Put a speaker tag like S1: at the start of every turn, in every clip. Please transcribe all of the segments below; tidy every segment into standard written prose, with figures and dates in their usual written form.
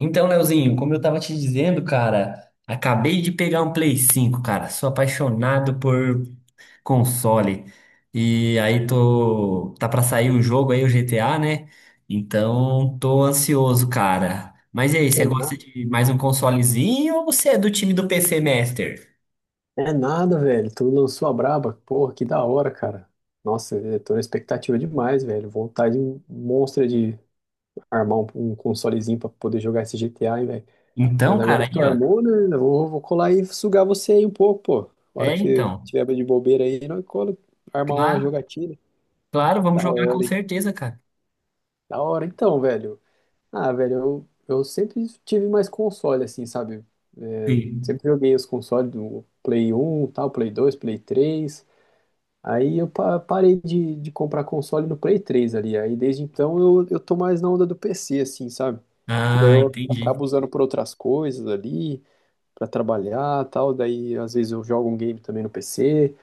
S1: Então, Leozinho, como eu tava te dizendo, cara, acabei de pegar um Play 5, cara. Sou apaixonado por console. E aí tô, tá pra sair o jogo aí, o GTA, né? Então, tô ansioso, cara. Mas e aí, você
S2: É, na...
S1: gosta de mais um consolezinho ou você é do time do PC Master?
S2: é nada, velho. Tu lançou a braba. Porra, que da hora, cara. Nossa, eu tô na expectativa demais, velho. Vontade monstra de armar um consolezinho pra poder jogar esse GTA, hein, velho. Mas
S1: Então,
S2: agora
S1: cara,
S2: que tu
S1: aí, ó.
S2: armou, né? Eu vou colar e sugar você aí um pouco, pô. A hora
S1: É,
S2: que você
S1: então.
S2: tiver de bobeira aí, nós cola, armar uma
S1: Claro,
S2: jogatina.
S1: claro, vamos
S2: Da
S1: jogar com
S2: hora, hein?
S1: certeza, cara.
S2: Da hora, então, velho. Ah, velho, eu sempre tive mais console, assim, sabe? É,
S1: Sim.
S2: sempre joguei os consoles do Play 1, tal, Play 2, Play 3. Aí eu parei de comprar console no Play 3 ali. Aí desde então eu tô mais na onda do PC, assim, sabe? Que daí
S1: Ah,
S2: eu
S1: entendi.
S2: acabo usando por outras coisas ali, pra trabalhar e tal. Daí às vezes eu jogo um game também no PC.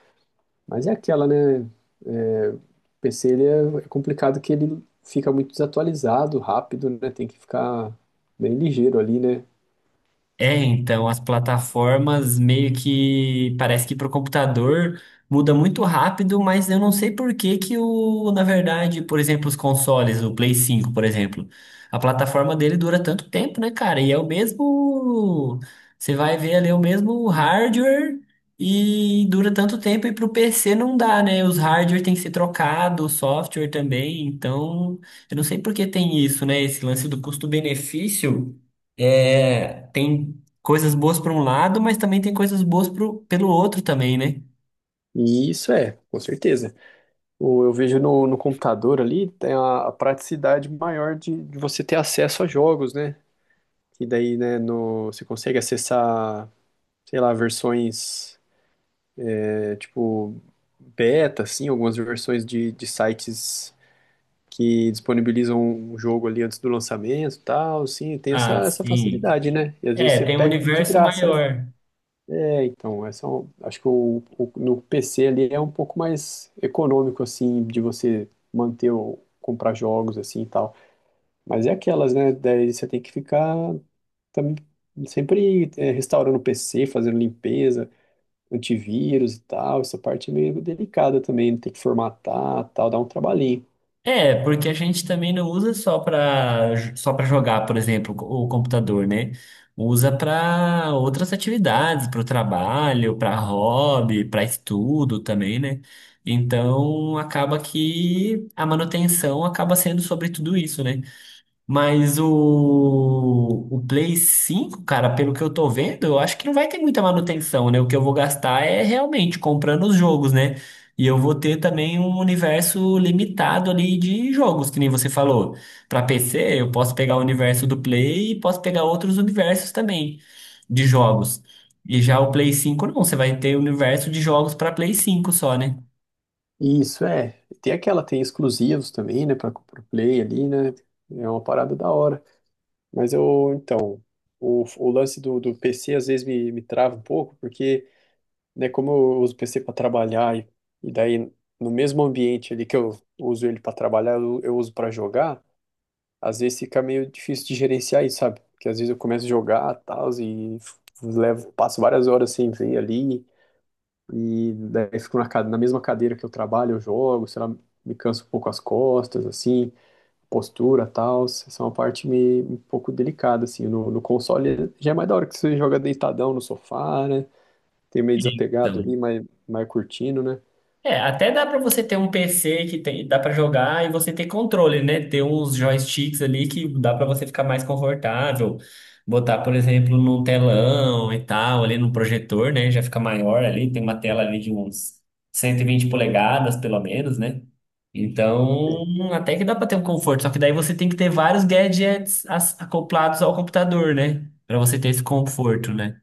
S2: Mas é aquela, né? É, o PC ele é complicado que ele fica muito desatualizado rápido, né? Tem que ficar bem ligeiro ali, né?
S1: É, então, as plataformas meio que parece que para o computador muda muito rápido, mas eu não sei por que que o, na verdade, por exemplo, os consoles, o Play 5, por exemplo, a plataforma dele dura tanto tempo, né, cara? E é o mesmo, você vai ver ali o mesmo hardware e dura tanto tempo e para o PC não dá, né? Os hardware tem que ser trocado, o software também, então, eu não sei por que tem isso, né? Esse lance do custo-benefício é, tem coisas boas para um lado, mas também tem coisas boas pro, pelo outro também, né?
S2: E isso é, com certeza. Eu vejo no computador ali, tem a praticidade maior de você ter acesso a jogos, né? E daí, né, no, você consegue acessar, sei lá, versões, é, tipo, beta, assim, algumas versões de sites que disponibilizam um jogo ali antes do lançamento e tal, assim, tem
S1: Ah,
S2: essa, essa
S1: sim.
S2: facilidade, né? E às vezes
S1: É,
S2: você
S1: tem um
S2: pega de
S1: universo
S2: graça, né?
S1: maior.
S2: É, então, essa, é acho que o, no PC ali é um pouco mais econômico, assim, de você manter ou comprar jogos, assim, e tal. Mas é aquelas, né? Daí você tem que ficar também sempre é, restaurando o PC, fazendo limpeza, antivírus e tal. Essa parte é meio delicada também, né, tem que formatar, tal, dá um trabalhinho.
S1: É, porque a gente também não usa só para jogar, por exemplo, o computador, né? Usa para outras atividades, para o trabalho, para hobby, para estudo também, né? Então acaba que a manutenção acaba sendo sobre tudo isso, né? Mas o Play 5 cara, pelo que eu tô vendo, eu acho que não vai ter muita manutenção, né? O que eu vou gastar é realmente comprando os jogos, né? E eu vou ter também um universo limitado ali de jogos, que nem você falou. Para PC, eu posso pegar o universo do Play e posso pegar outros universos também de jogos. E já o Play 5 não, você vai ter o universo de jogos para Play 5 só, né?
S2: Isso, é. Tem aquela, tem exclusivos também, né, para o Play ali, né? É uma parada da hora. Mas eu, então, o lance do, do PC às vezes me trava um pouco, porque, né, como eu uso o PC para trabalhar e daí no mesmo ambiente ali que eu uso ele para trabalhar, eu uso para jogar, às vezes fica meio difícil de gerenciar isso, sabe? Porque às vezes eu começo a jogar tal, e levo, passo várias horas sem ver ali, e daí fico na, na mesma cadeira que eu trabalho, eu jogo, sei lá, me canso um pouco as costas, assim postura tal, essa é uma parte meio, um pouco delicada, assim, no, no console já é mais da hora que você joga deitadão no sofá, né, tem meio desapegado ali, mais, mais curtindo, né.
S1: É, até dá pra você ter um PC que tem, dá pra jogar e você ter controle, né? Ter uns joysticks ali que dá pra você ficar mais confortável. Botar, por exemplo, num telão e tal, ali num projetor, né? Já fica maior ali, tem uma tela ali de uns 120 polegadas, pelo menos, né? Então,
S2: É,
S1: até que dá pra ter um conforto, só que daí você tem que ter vários gadgets acoplados ao computador, né? Pra você ter esse conforto, né?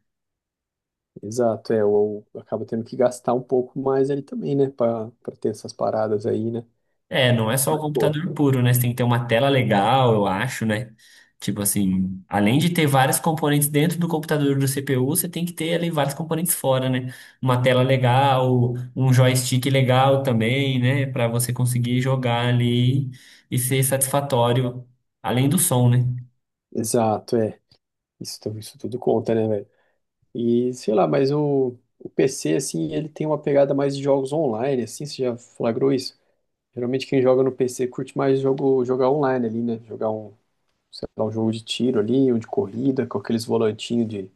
S2: exato, é, ou acaba tendo que gastar um pouco mais ali também, né, pra, pra ter essas paradas aí, né,
S1: É, não é só o
S2: mas, pô,
S1: computador puro, né? Você tem que ter uma tela legal, eu acho, né? Tipo assim, além de ter vários componentes dentro do computador do CPU, você tem que ter ali vários componentes fora, né? Uma tela legal, um joystick legal também, né? Pra você conseguir jogar ali e ser satisfatório, além do som, né?
S2: exato, é, isso, isso tudo conta, né, velho, e sei lá, mas o PC, assim, ele tem uma pegada mais de jogos online, assim, você já flagrou isso? Geralmente quem joga no PC curte mais jogo, jogar online ali, né? Jogar um, lá, um jogo de tiro ali, um de corrida, com aqueles volantinhos de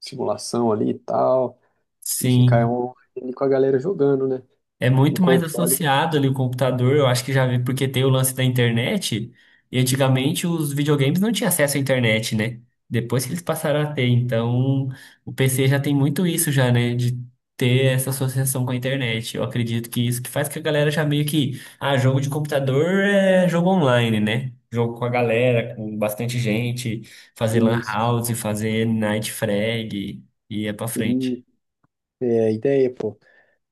S2: simulação ali e tal, e ficar
S1: Sim.
S2: online com a galera jogando, né?
S1: É
S2: No
S1: muito mais
S2: console,
S1: associado ali o computador, eu acho que já vi, porque tem o lance da internet, e antigamente os videogames não tinham acesso à internet, né? Depois que eles passaram a ter, então o PC já tem muito isso já, né? De ter essa associação com a internet. Eu acredito que isso que faz que a galera já meio que, ah, jogo de computador é jogo online, né? Jogo com a galera, com bastante gente, fazer lan
S2: isso.
S1: house, fazer night frag, e é pra frente.
S2: E é a ideia, pô.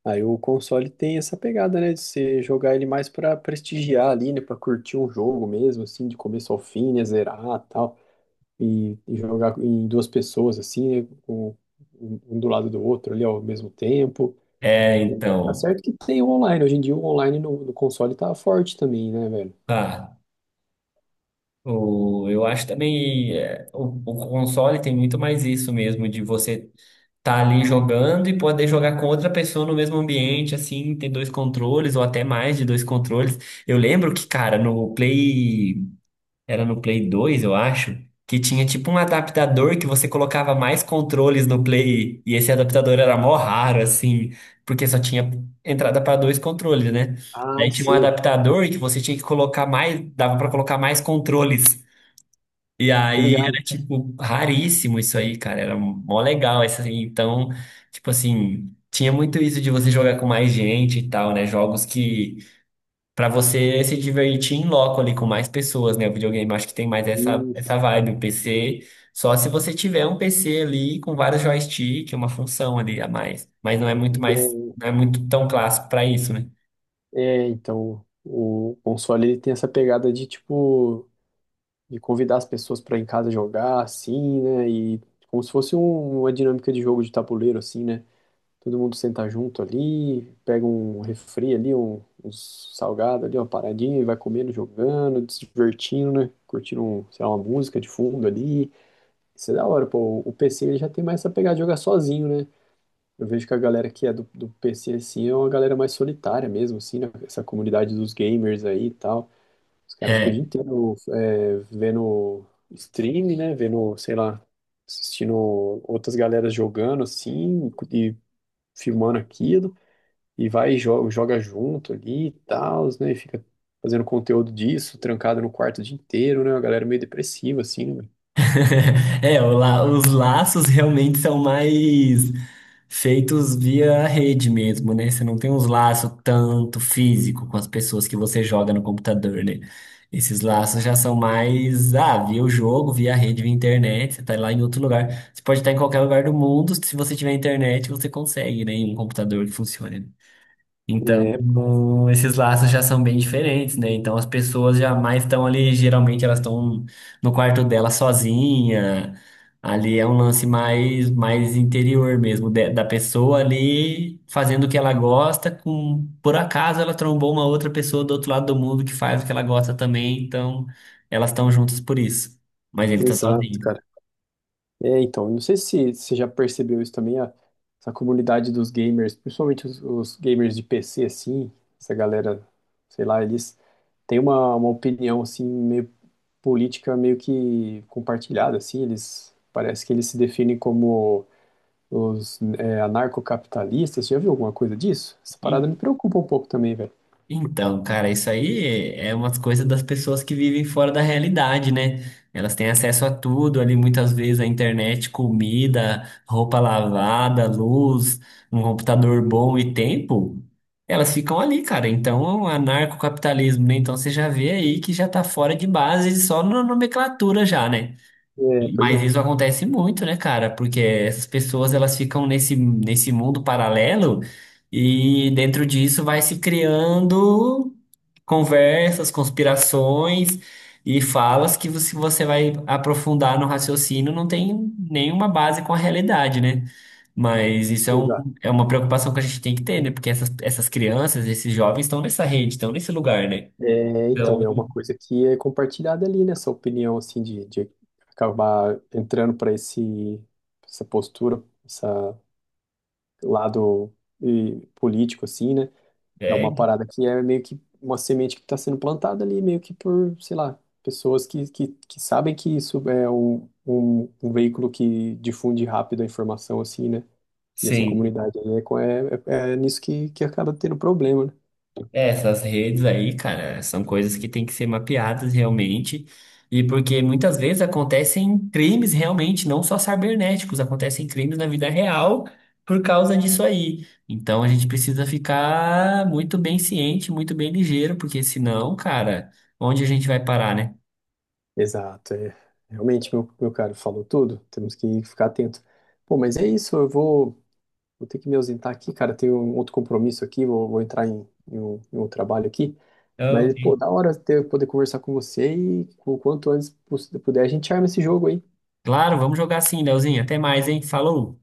S2: Aí o console tem essa pegada, né? De você jogar ele mais pra prestigiar ali, né? Pra curtir um jogo mesmo, assim, de começo ao fim, né? Zerar e tal. E jogar em duas pessoas, assim, né? Um um do lado do outro ali ao mesmo tempo.
S1: É,
S2: E tá
S1: então.
S2: certo que tem o online. Hoje em dia o online no, no console tá forte também, né, velho?
S1: Tá. O, eu acho também é, o console tem muito mais isso mesmo, de você tá ali jogando e poder jogar com outra pessoa no mesmo ambiente, assim, ter dois controles ou até mais de dois controles. Eu lembro que, cara, no Play, era no Play 2 eu acho, que tinha tipo um adaptador que você colocava mais controles no Play e esse adaptador era mó raro, assim, porque só tinha entrada para dois controles, né?
S2: Ah,
S1: Daí tinha um
S2: sei.
S1: adaptador que você tinha que colocar mais, dava para colocar mais controles. E
S2: Tô
S1: aí
S2: ligado.
S1: era, tipo, raríssimo isso aí, cara. Era mó legal. Esse, assim, então, tipo assim, tinha muito isso de você jogar com mais gente e tal, né? Jogos que, pra você se divertir em loco ali com mais pessoas, né? O videogame acho que tem mais essa,
S2: Hum,
S1: essa vibe. O PC, só se você tiver um PC ali com vários joystick, uma função ali a mais. Mas não é muito
S2: ideia,
S1: mais,
S2: hein?
S1: não é muito tão clássico pra isso, né?
S2: É, então, o console ele tem essa pegada de tipo de convidar as pessoas para em casa jogar assim, né? E como se fosse uma dinâmica de jogo de tabuleiro assim, né? Todo mundo senta junto ali, pega um refri ali, um, uns salgado ali, uma paradinha e vai comendo, jogando, se divertindo, né? Curtindo, um, sei lá, uma música de fundo ali. Isso é da hora, pô. O PC ele já tem mais essa pegada de jogar sozinho, né? Eu vejo que a galera que é do, do PC, assim, é uma galera mais solitária mesmo, assim, né? Essa comunidade dos gamers aí e tal. Os caras ficam o dia
S1: É.
S2: inteiro é, vendo stream, né? Vendo, sei lá, assistindo outras galeras jogando, assim, e filmando aquilo. E vai e joga, joga junto ali e tal, né? E fica fazendo conteúdo disso, trancado no quarto o dia inteiro, né? Uma galera meio depressiva, assim, né?
S1: É, o os laços realmente são mais feitos via rede mesmo, né? Você não tem uns laços tanto físico com as pessoas que você joga no computador, né? Esses laços já são mais, ah, via o jogo, via rede, via internet, você tá lá em outro lugar. Você pode estar em qualquer lugar do mundo, se você tiver internet, você consegue, né? Em um computador que funcione. Então,
S2: É,
S1: esses laços já são bem diferentes, né? Então, as pessoas jamais estão ali, geralmente elas estão no quarto dela sozinha. Ali é um lance mais, mais interior mesmo, da pessoa ali fazendo o que ela gosta, com, por acaso ela trombou uma outra pessoa do outro lado do mundo que faz o que ela gosta também, então elas estão juntas por isso. Mas ele tá
S2: exato,
S1: sozinho.
S2: cara. É, então, não sei se você já percebeu isso também, essa comunidade dos gamers, principalmente os gamers de PC, assim, essa galera, sei lá, eles têm uma opinião, assim, meio política, meio que compartilhada, assim, eles, parece que eles se definem como os é, anarcocapitalistas, você já viu alguma coisa disso? Essa parada me preocupa um pouco também, velho.
S1: Então, cara, isso aí é umas coisas das pessoas que vivem fora da realidade, né? Elas têm acesso a tudo ali, muitas vezes a internet, comida, roupa lavada, luz, um computador bom e tempo. Elas ficam ali, cara. Então, é um anarcocapitalismo, né? Então, você já vê aí que já tá fora de base, só na nomenclatura já, né?
S2: É, pois
S1: Mas
S2: é,
S1: isso acontece muito, né, cara? Porque essas pessoas elas ficam nesse mundo paralelo e dentro disso vai se criando conversas, conspirações e falas que você vai aprofundar no raciocínio não tem nenhuma base com a realidade, né? Mas isso é,
S2: exato.
S1: um, é uma preocupação que a gente tem que ter, né? Porque essas, essas crianças, esses jovens estão nessa rede, estão nesse lugar, né?
S2: É, então,
S1: Então,
S2: é uma coisa que é compartilhada ali, né? Essa opinião, assim, de acabar entrando para esse, essa postura, essa lado e, político, assim, né? É
S1: é,
S2: uma parada que é meio que uma semente que está sendo plantada ali, meio que por, sei lá, pessoas que sabem que isso é um, um, um veículo que difunde rápido a informação, assim, né? E essa
S1: sim.
S2: comunidade aí é, é, é, é nisso que acaba tendo problema, né?
S1: É, essas redes aí, cara, são coisas que têm que ser mapeadas realmente. E porque muitas vezes acontecem crimes realmente, não só cibernéticos, acontecem crimes na vida real por causa disso aí. Então a gente precisa ficar muito bem ciente, muito bem ligeiro, porque senão, cara, onde a gente vai parar, né?
S2: Exato, é. Realmente, meu caro falou tudo. Temos que ficar atento. Pô, mas é isso, eu vou ter que me ausentar aqui, cara. Tenho um outro compromisso aqui, vou entrar em, em um trabalho aqui.
S1: Então,
S2: Mas, pô, da hora ter, poder conversar com você e o quanto antes puder, a gente arma esse jogo aí.
S1: claro, vamos jogar sim, Leozinho. Até mais, hein? Falou!